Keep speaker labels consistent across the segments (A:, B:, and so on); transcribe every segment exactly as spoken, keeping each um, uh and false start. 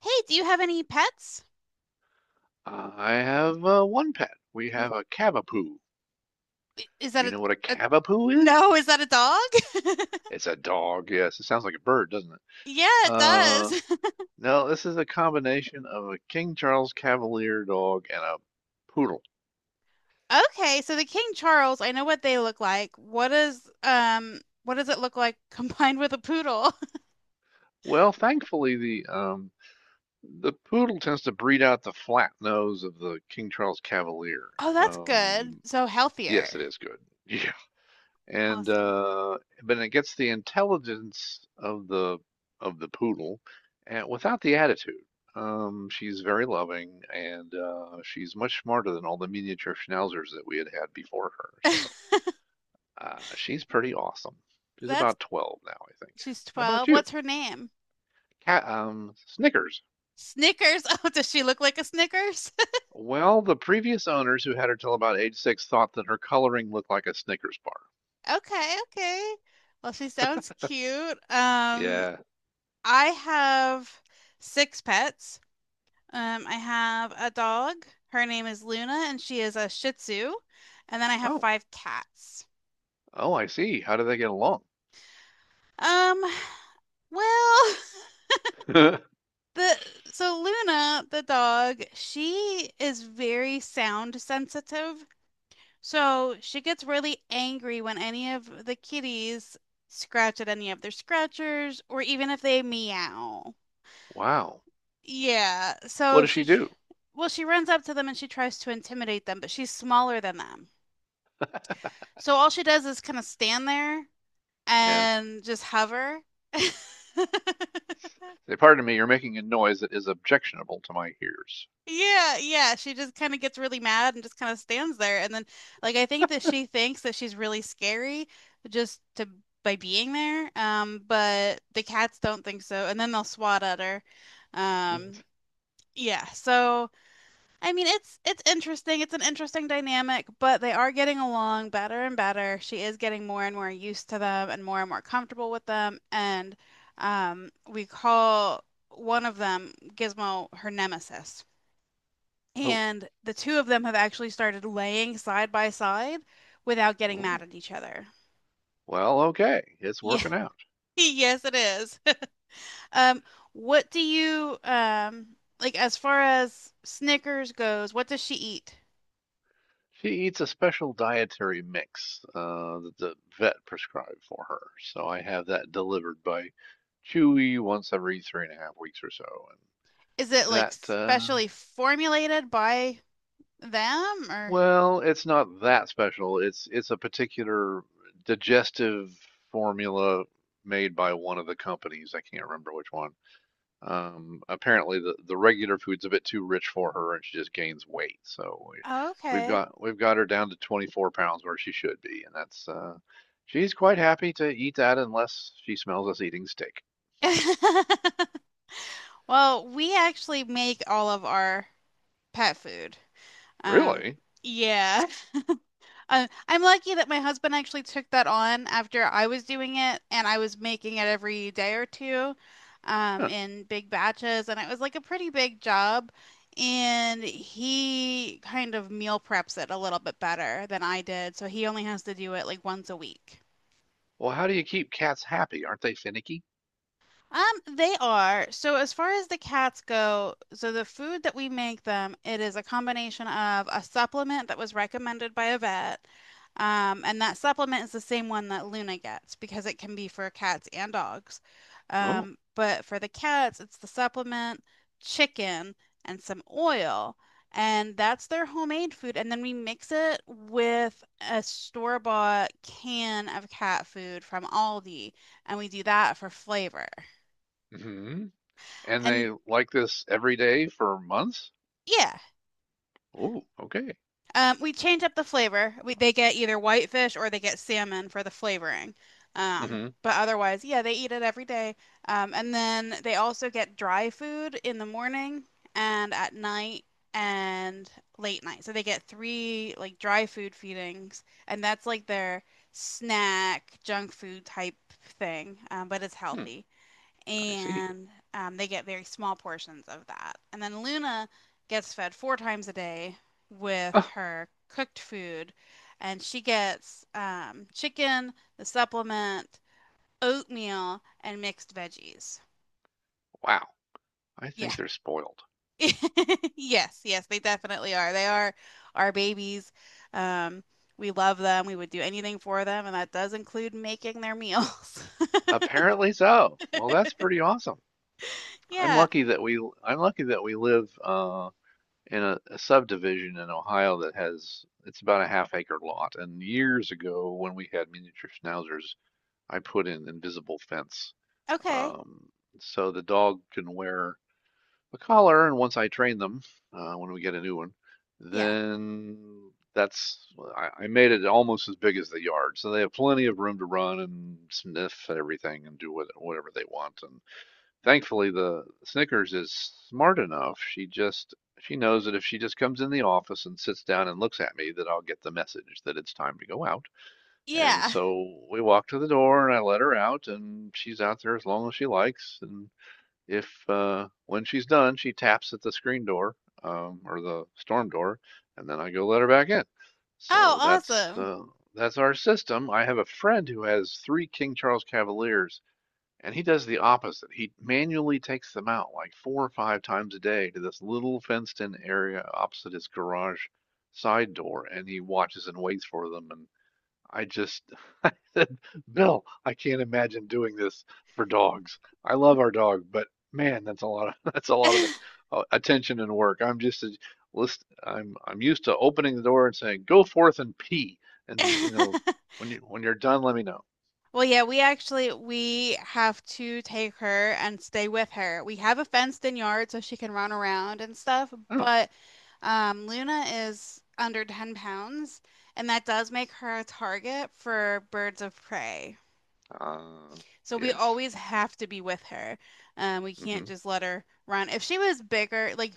A: Hey, do you have any pets?
B: I have uh, one pet. We
A: W-
B: have a Cavapoo.
A: I- Is
B: Do
A: that
B: you
A: a,
B: know what a
A: a
B: Cavapoo is?
A: no, is that a dog?
B: It's a dog, yes. It sounds like a bird, doesn't it?
A: Yeah, it
B: Uh,
A: does.
B: no, this is a combination of a King Charles Cavalier dog and a poodle.
A: Okay, so the King Charles, I know what they look like. What is um what does it look like combined with a poodle?
B: Well, thankfully, the um, the poodle tends to breed out the flat nose of the King Charles Cavalier.
A: Oh, that's good.
B: Um,
A: So
B: yes,
A: healthier.
B: it is good. You and
A: Awesome.
B: uh, but it gets the intelligence of the of the poodle, and without the attitude. Um, she's very loving, and uh, she's much smarter than all the miniature schnauzers that we had had before her. So uh, she's pretty awesome. She's
A: That's
B: about twelve now, I think.
A: She's
B: How about
A: twelve.
B: you?
A: What's her name?
B: Cat, um, Snickers.
A: Snickers. Oh, does she look like a Snickers?
B: Well, the previous owners who had her till about age six thought that her coloring looked like a Snickers bar.
A: Okay, okay. Well, she sounds cute. Um,
B: Yeah.
A: I have six pets. Um, I have a dog. Her name is Luna, and she is a Shih Tzu. And then I have
B: Oh,
A: five cats.
B: oh, I see. How do they get along?
A: Um, well, the so Luna, the dog, she is very sound sensitive. So she gets really angry when any of the kitties scratch at any of their scratchers or even if they meow.
B: Wow.
A: Yeah.
B: What
A: So
B: does she
A: she, tr-
B: do?
A: well, she runs up to them and she tries to intimidate them, but she's smaller than them. So all she does is kind of stand there
B: Yeah.
A: and just hover.
B: Say, pardon me, you're making a noise that is objectionable to my ears.
A: Yeah, yeah, she just kind of gets really mad and just kind of stands there. And then like I think that she thinks that she's really scary just to by being there. Um, but the cats don't think so. And then they'll swat at her. Um, yeah. So I mean, it's it's interesting. It's an interesting dynamic, but they are getting along better and better. She is getting more and more used to them and more and more comfortable with them. And um, we call one of them Gizmo her nemesis.
B: Oh.
A: And the two of them have actually started laying side by side without getting mad
B: Oh.
A: at each other.
B: Well, okay. It's
A: Yeah,
B: working out.
A: yes, it is. Um, what do you um Like as far as Snickers goes, what does she eat?
B: She eats a special dietary mix uh, that the vet prescribed for her. So I have that delivered by Chewy once every three and a half weeks or so.
A: Is it
B: And
A: like
B: that, uh,
A: specially formulated by them or?
B: well, it's not that special. It's it's a particular digestive formula made by one of the companies. I can't remember which one. Um, apparently the, the regular food's a bit too rich for her and she just gains weight. So we,
A: Oh,
B: we've
A: okay.
B: got we've got her down to twenty-four pounds where she should be, and that's uh, she's quite happy to eat that unless she smells us eating steak.
A: Well, we actually make all of our pet food. Um,
B: Really?
A: yeah. Uh, I'm lucky that my husband actually took that on after I was doing it and I was making it every day or two, um,
B: Huh.
A: in big batches. And it was like a pretty big job. And he kind of meal preps it a little bit better than I did. So he only has to do it like once a week.
B: Well, how do you keep cats happy? Aren't they finicky?
A: Um, they are. So as far as the cats go, so the food that we make them, it is a combination of a supplement that was recommended by a vet. Um, and that supplement is the same one that Luna gets because it can be for cats and dogs.
B: Oh.
A: Um, but for the cats, it's the supplement, chicken, and some oil. And that's their homemade food. And then we mix it with a store-bought can of cat food from Aldi, and we do that for flavor.
B: Hmm. And
A: And
B: they like this every day for months?
A: yeah,
B: Oh, okay.
A: um, we change up the flavor. We They get either whitefish or they get salmon for the flavoring. Um,
B: Hmm.
A: but otherwise, yeah, they eat it every day. Um, and then they also get dry food in the morning and at night and late night. So they get three like dry food feedings, and that's like their snack, junk food type thing, um, but it's
B: Hmm.
A: healthy.
B: I see.
A: and um, they get very small portions of that. And then Luna gets fed four times a day with
B: Oh,
A: her cooked food, and she gets um, chicken, the supplement, oatmeal, and mixed veggies.
B: wow. I
A: Yeah.
B: think they're spoiled.
A: Yes, yes, they definitely are. They are our babies. Um, we love them. We would do anything for them, and that does include making their meals.
B: Apparently so. Well, that's pretty awesome. I'm
A: Yeah.
B: lucky that we I'm lucky that we live uh, in a, a subdivision in Ohio that has it's about a half acre lot. And years ago, when we had miniature schnauzers, I put in invisible fence,
A: Okay.
B: um, so the dog can wear a collar. And once I train them, uh, when we get a new one,
A: Yeah.
B: then that's well, I, I made it almost as big as the yard, so they have plenty of room to run and sniff everything and do what, whatever they want. And. Thankfully, the Snickers is smart enough. She just she knows that if she just comes in the office and sits down and looks at me, that I'll get the message that it's time to go out. And
A: Yeah.
B: so we walk to the door and I let her out and she's out there as long as she likes. And if uh when she's done, she taps at the screen door um or the storm door and then I go let her back in. So that's
A: Oh,
B: uh that's our system. I have a friend who has three King Charles Cavaliers and he does the opposite. He manually takes them out like four or five times a day to this little fenced in area opposite his garage side door and he watches and waits for them. And I just, I said, Bill, I can't imagine doing this for dogs. I love our dog, but man, that's a lot of, that's a lot of
A: awesome.
B: uh, attention and work. I'm just a list. I'm, I'm used to opening the door and saying, go forth and pee. And, you know, when you, when you're done, let me know.
A: Well, yeah, we actually we have to take her and stay with her. We have a fenced-in yard so she can run around and stuff,
B: Oh,
A: but um, Luna is under ten pounds, and that does make her a target for birds of prey.
B: uh,
A: So we
B: yes.
A: always have to be with her. Um, we
B: Hmm.
A: can't just let her run. If she was bigger, like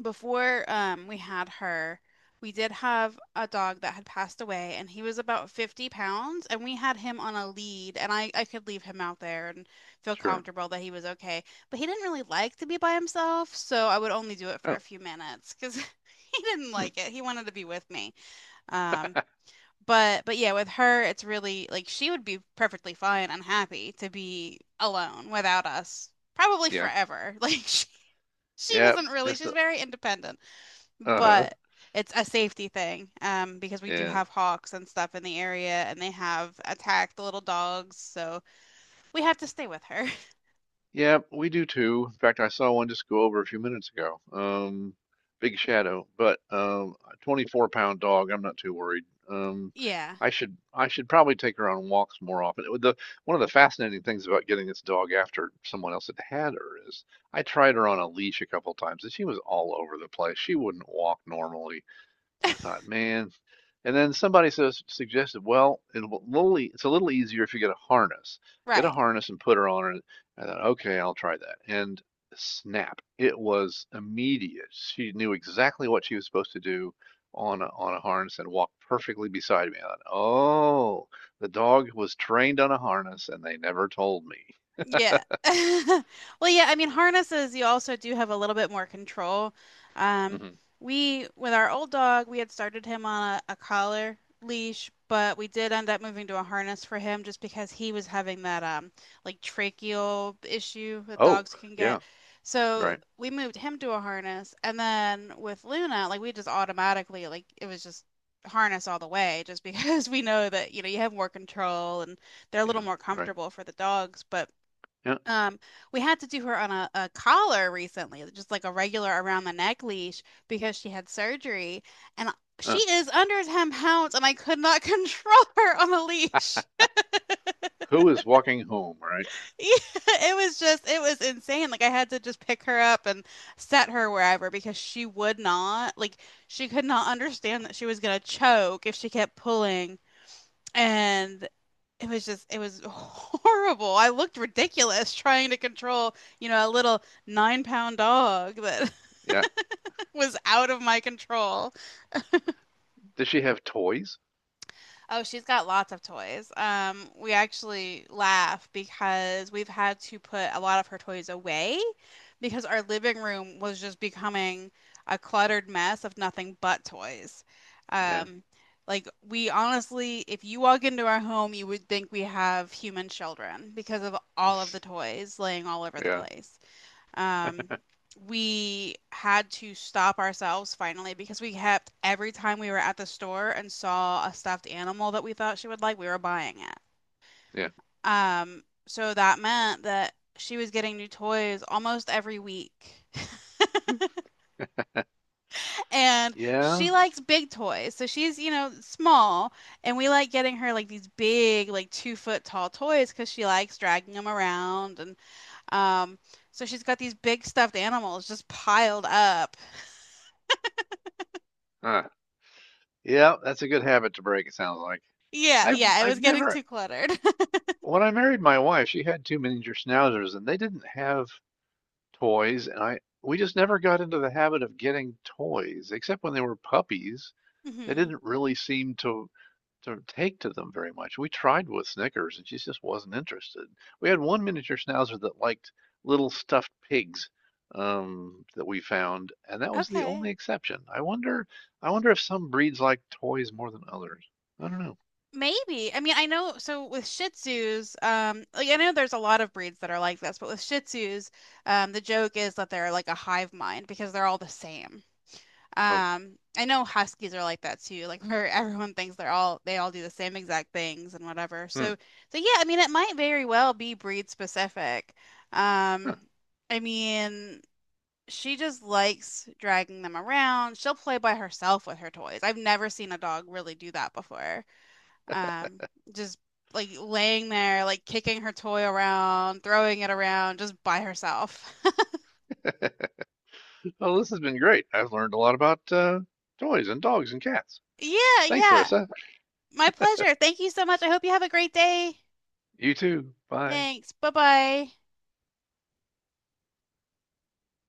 A: before um, we had her, we did have a dog that had passed away, and he was about fifty pounds, and we had him on a lead, and I, I could leave him out there and feel
B: Sure.
A: comfortable that he was okay. But he didn't really like to be by himself, so I would only do it for
B: Oh,
A: a few minutes because he didn't
B: hmm.
A: like it. He wanted to be with me. Um, but but yeah, with her, it's really like she would be perfectly fine and happy to be alone without us, probably
B: Yeah.
A: forever. Like she, she
B: Yep.
A: doesn't really,
B: Just,
A: she's very independent
B: uh huh.
A: but it's a safety thing um, because we do
B: Yeah.
A: have hawks and stuff in the area, and they have attacked the little dogs, so we have to stay with her.
B: Yeah, we do too. In fact, I saw one just go over a few minutes ago. Um, big shadow, but um, a twenty-four pound dog. I'm not too worried. Um,
A: Yeah,
B: I should I should probably take her on walks more often. It would- The One of the fascinating things about getting this dog after someone else that had her is I tried her on a leash a couple times and she was all over the place. She wouldn't walk normally. I thought, man. And then somebody says suggested, well, it'll it's a little easier if you get a harness. Get a
A: right.
B: harness and put her on it. I thought, okay, I'll try that. And snap, it was immediate. She knew exactly what she was supposed to do on a, on a harness and walked perfectly beside me. I thought, oh, the dog was trained on a harness and they never told me.
A: Yeah. Well, yeah, I mean, harnesses, you also do have a little bit more control. Um,
B: Hmm.
A: we, with our old dog, we had started him on a, a collar leash, but we did end up moving to a harness for him just because he was having that um like tracheal issue that
B: Oh,
A: dogs can get.
B: yeah,
A: So
B: right,
A: we moved him to a harness, and then with Luna, like we just automatically like it was just harness all the way, just because we know that you know you have more control and they're a little
B: yeah,
A: more
B: right,
A: comfortable for the dogs, but.
B: yeah.
A: Um, we had to do her on a, a collar recently, just like a regular around the neck leash because she had surgery and she
B: Uh,
A: is under ten pounds and I could not control her on the leash.
B: who is walking home, right?
A: Yeah, it was just, it was insane. Like I had to just pick her up and set her wherever because she would not, like she could not understand that she was gonna choke if she kept pulling. And it was just it was horrible. I looked ridiculous trying to control, you know, a little nine pound dog that
B: Yeah.
A: was out of my control.
B: Does she have toys?
A: Oh, she's got lots of toys. Um, we actually laugh because we've had to put a lot of her toys away because our living room was just becoming a cluttered mess of nothing but toys.
B: Yeah.
A: Um, like we honestly, if you walk into our home, you would think we have human children because of all of the toys laying all over the
B: Yeah.
A: place. Um, we had to stop ourselves finally because we kept every time we were at the store and saw a stuffed animal that we thought she would like, we were buying it.
B: Yeah.
A: Um, so that meant that she was getting new toys almost every week. And
B: Yeah.
A: she likes big toys. So she's, you know, small. And we like getting her like these big, like two foot tall toys because she likes dragging them around. And um, so she's got these big stuffed animals just piled up.
B: Huh. Yeah, that's a good habit to break, it sounds like.
A: Yeah,
B: I've
A: yeah, it was
B: I've
A: getting
B: never,
A: too cluttered.
B: when I married my wife, she had two miniature schnauzers and they didn't have toys and I we just never got into the habit of getting toys, except when they were puppies. They
A: Hmm.
B: didn't really seem to to take to them very much. We tried with Snickers, and she just wasn't interested. We had one miniature schnauzer that liked little stuffed pigs um, that we found, and that was the only
A: Okay.
B: exception. I wonder, I wonder if some breeds like toys more than others. I don't know.
A: Maybe. I mean, I know so with Shih Tzus, um like I know there's a lot of breeds that are like this, but with Shih Tzus, um the joke is that they're like a hive mind because they're all the same.
B: Oh,
A: Um I know Huskies are like that too, like where everyone thinks they're all they all do the same exact things and whatever.
B: hmm.
A: So so yeah, I mean it might very well be breed specific. Um
B: Huh.
A: I mean she just likes dragging them around. She'll play by herself with her toys. I've never seen a dog really do that before. Um, just like laying there, like kicking her toy around, throwing it around just by herself.
B: Well, this has been great. I've learned a lot about uh, toys and dogs and cats.
A: Yeah,
B: Thanks,
A: yeah.
B: Larissa.
A: My pleasure. Thank you so much. I hope you have a great day.
B: You too. Bye.
A: Thanks. Bye-bye.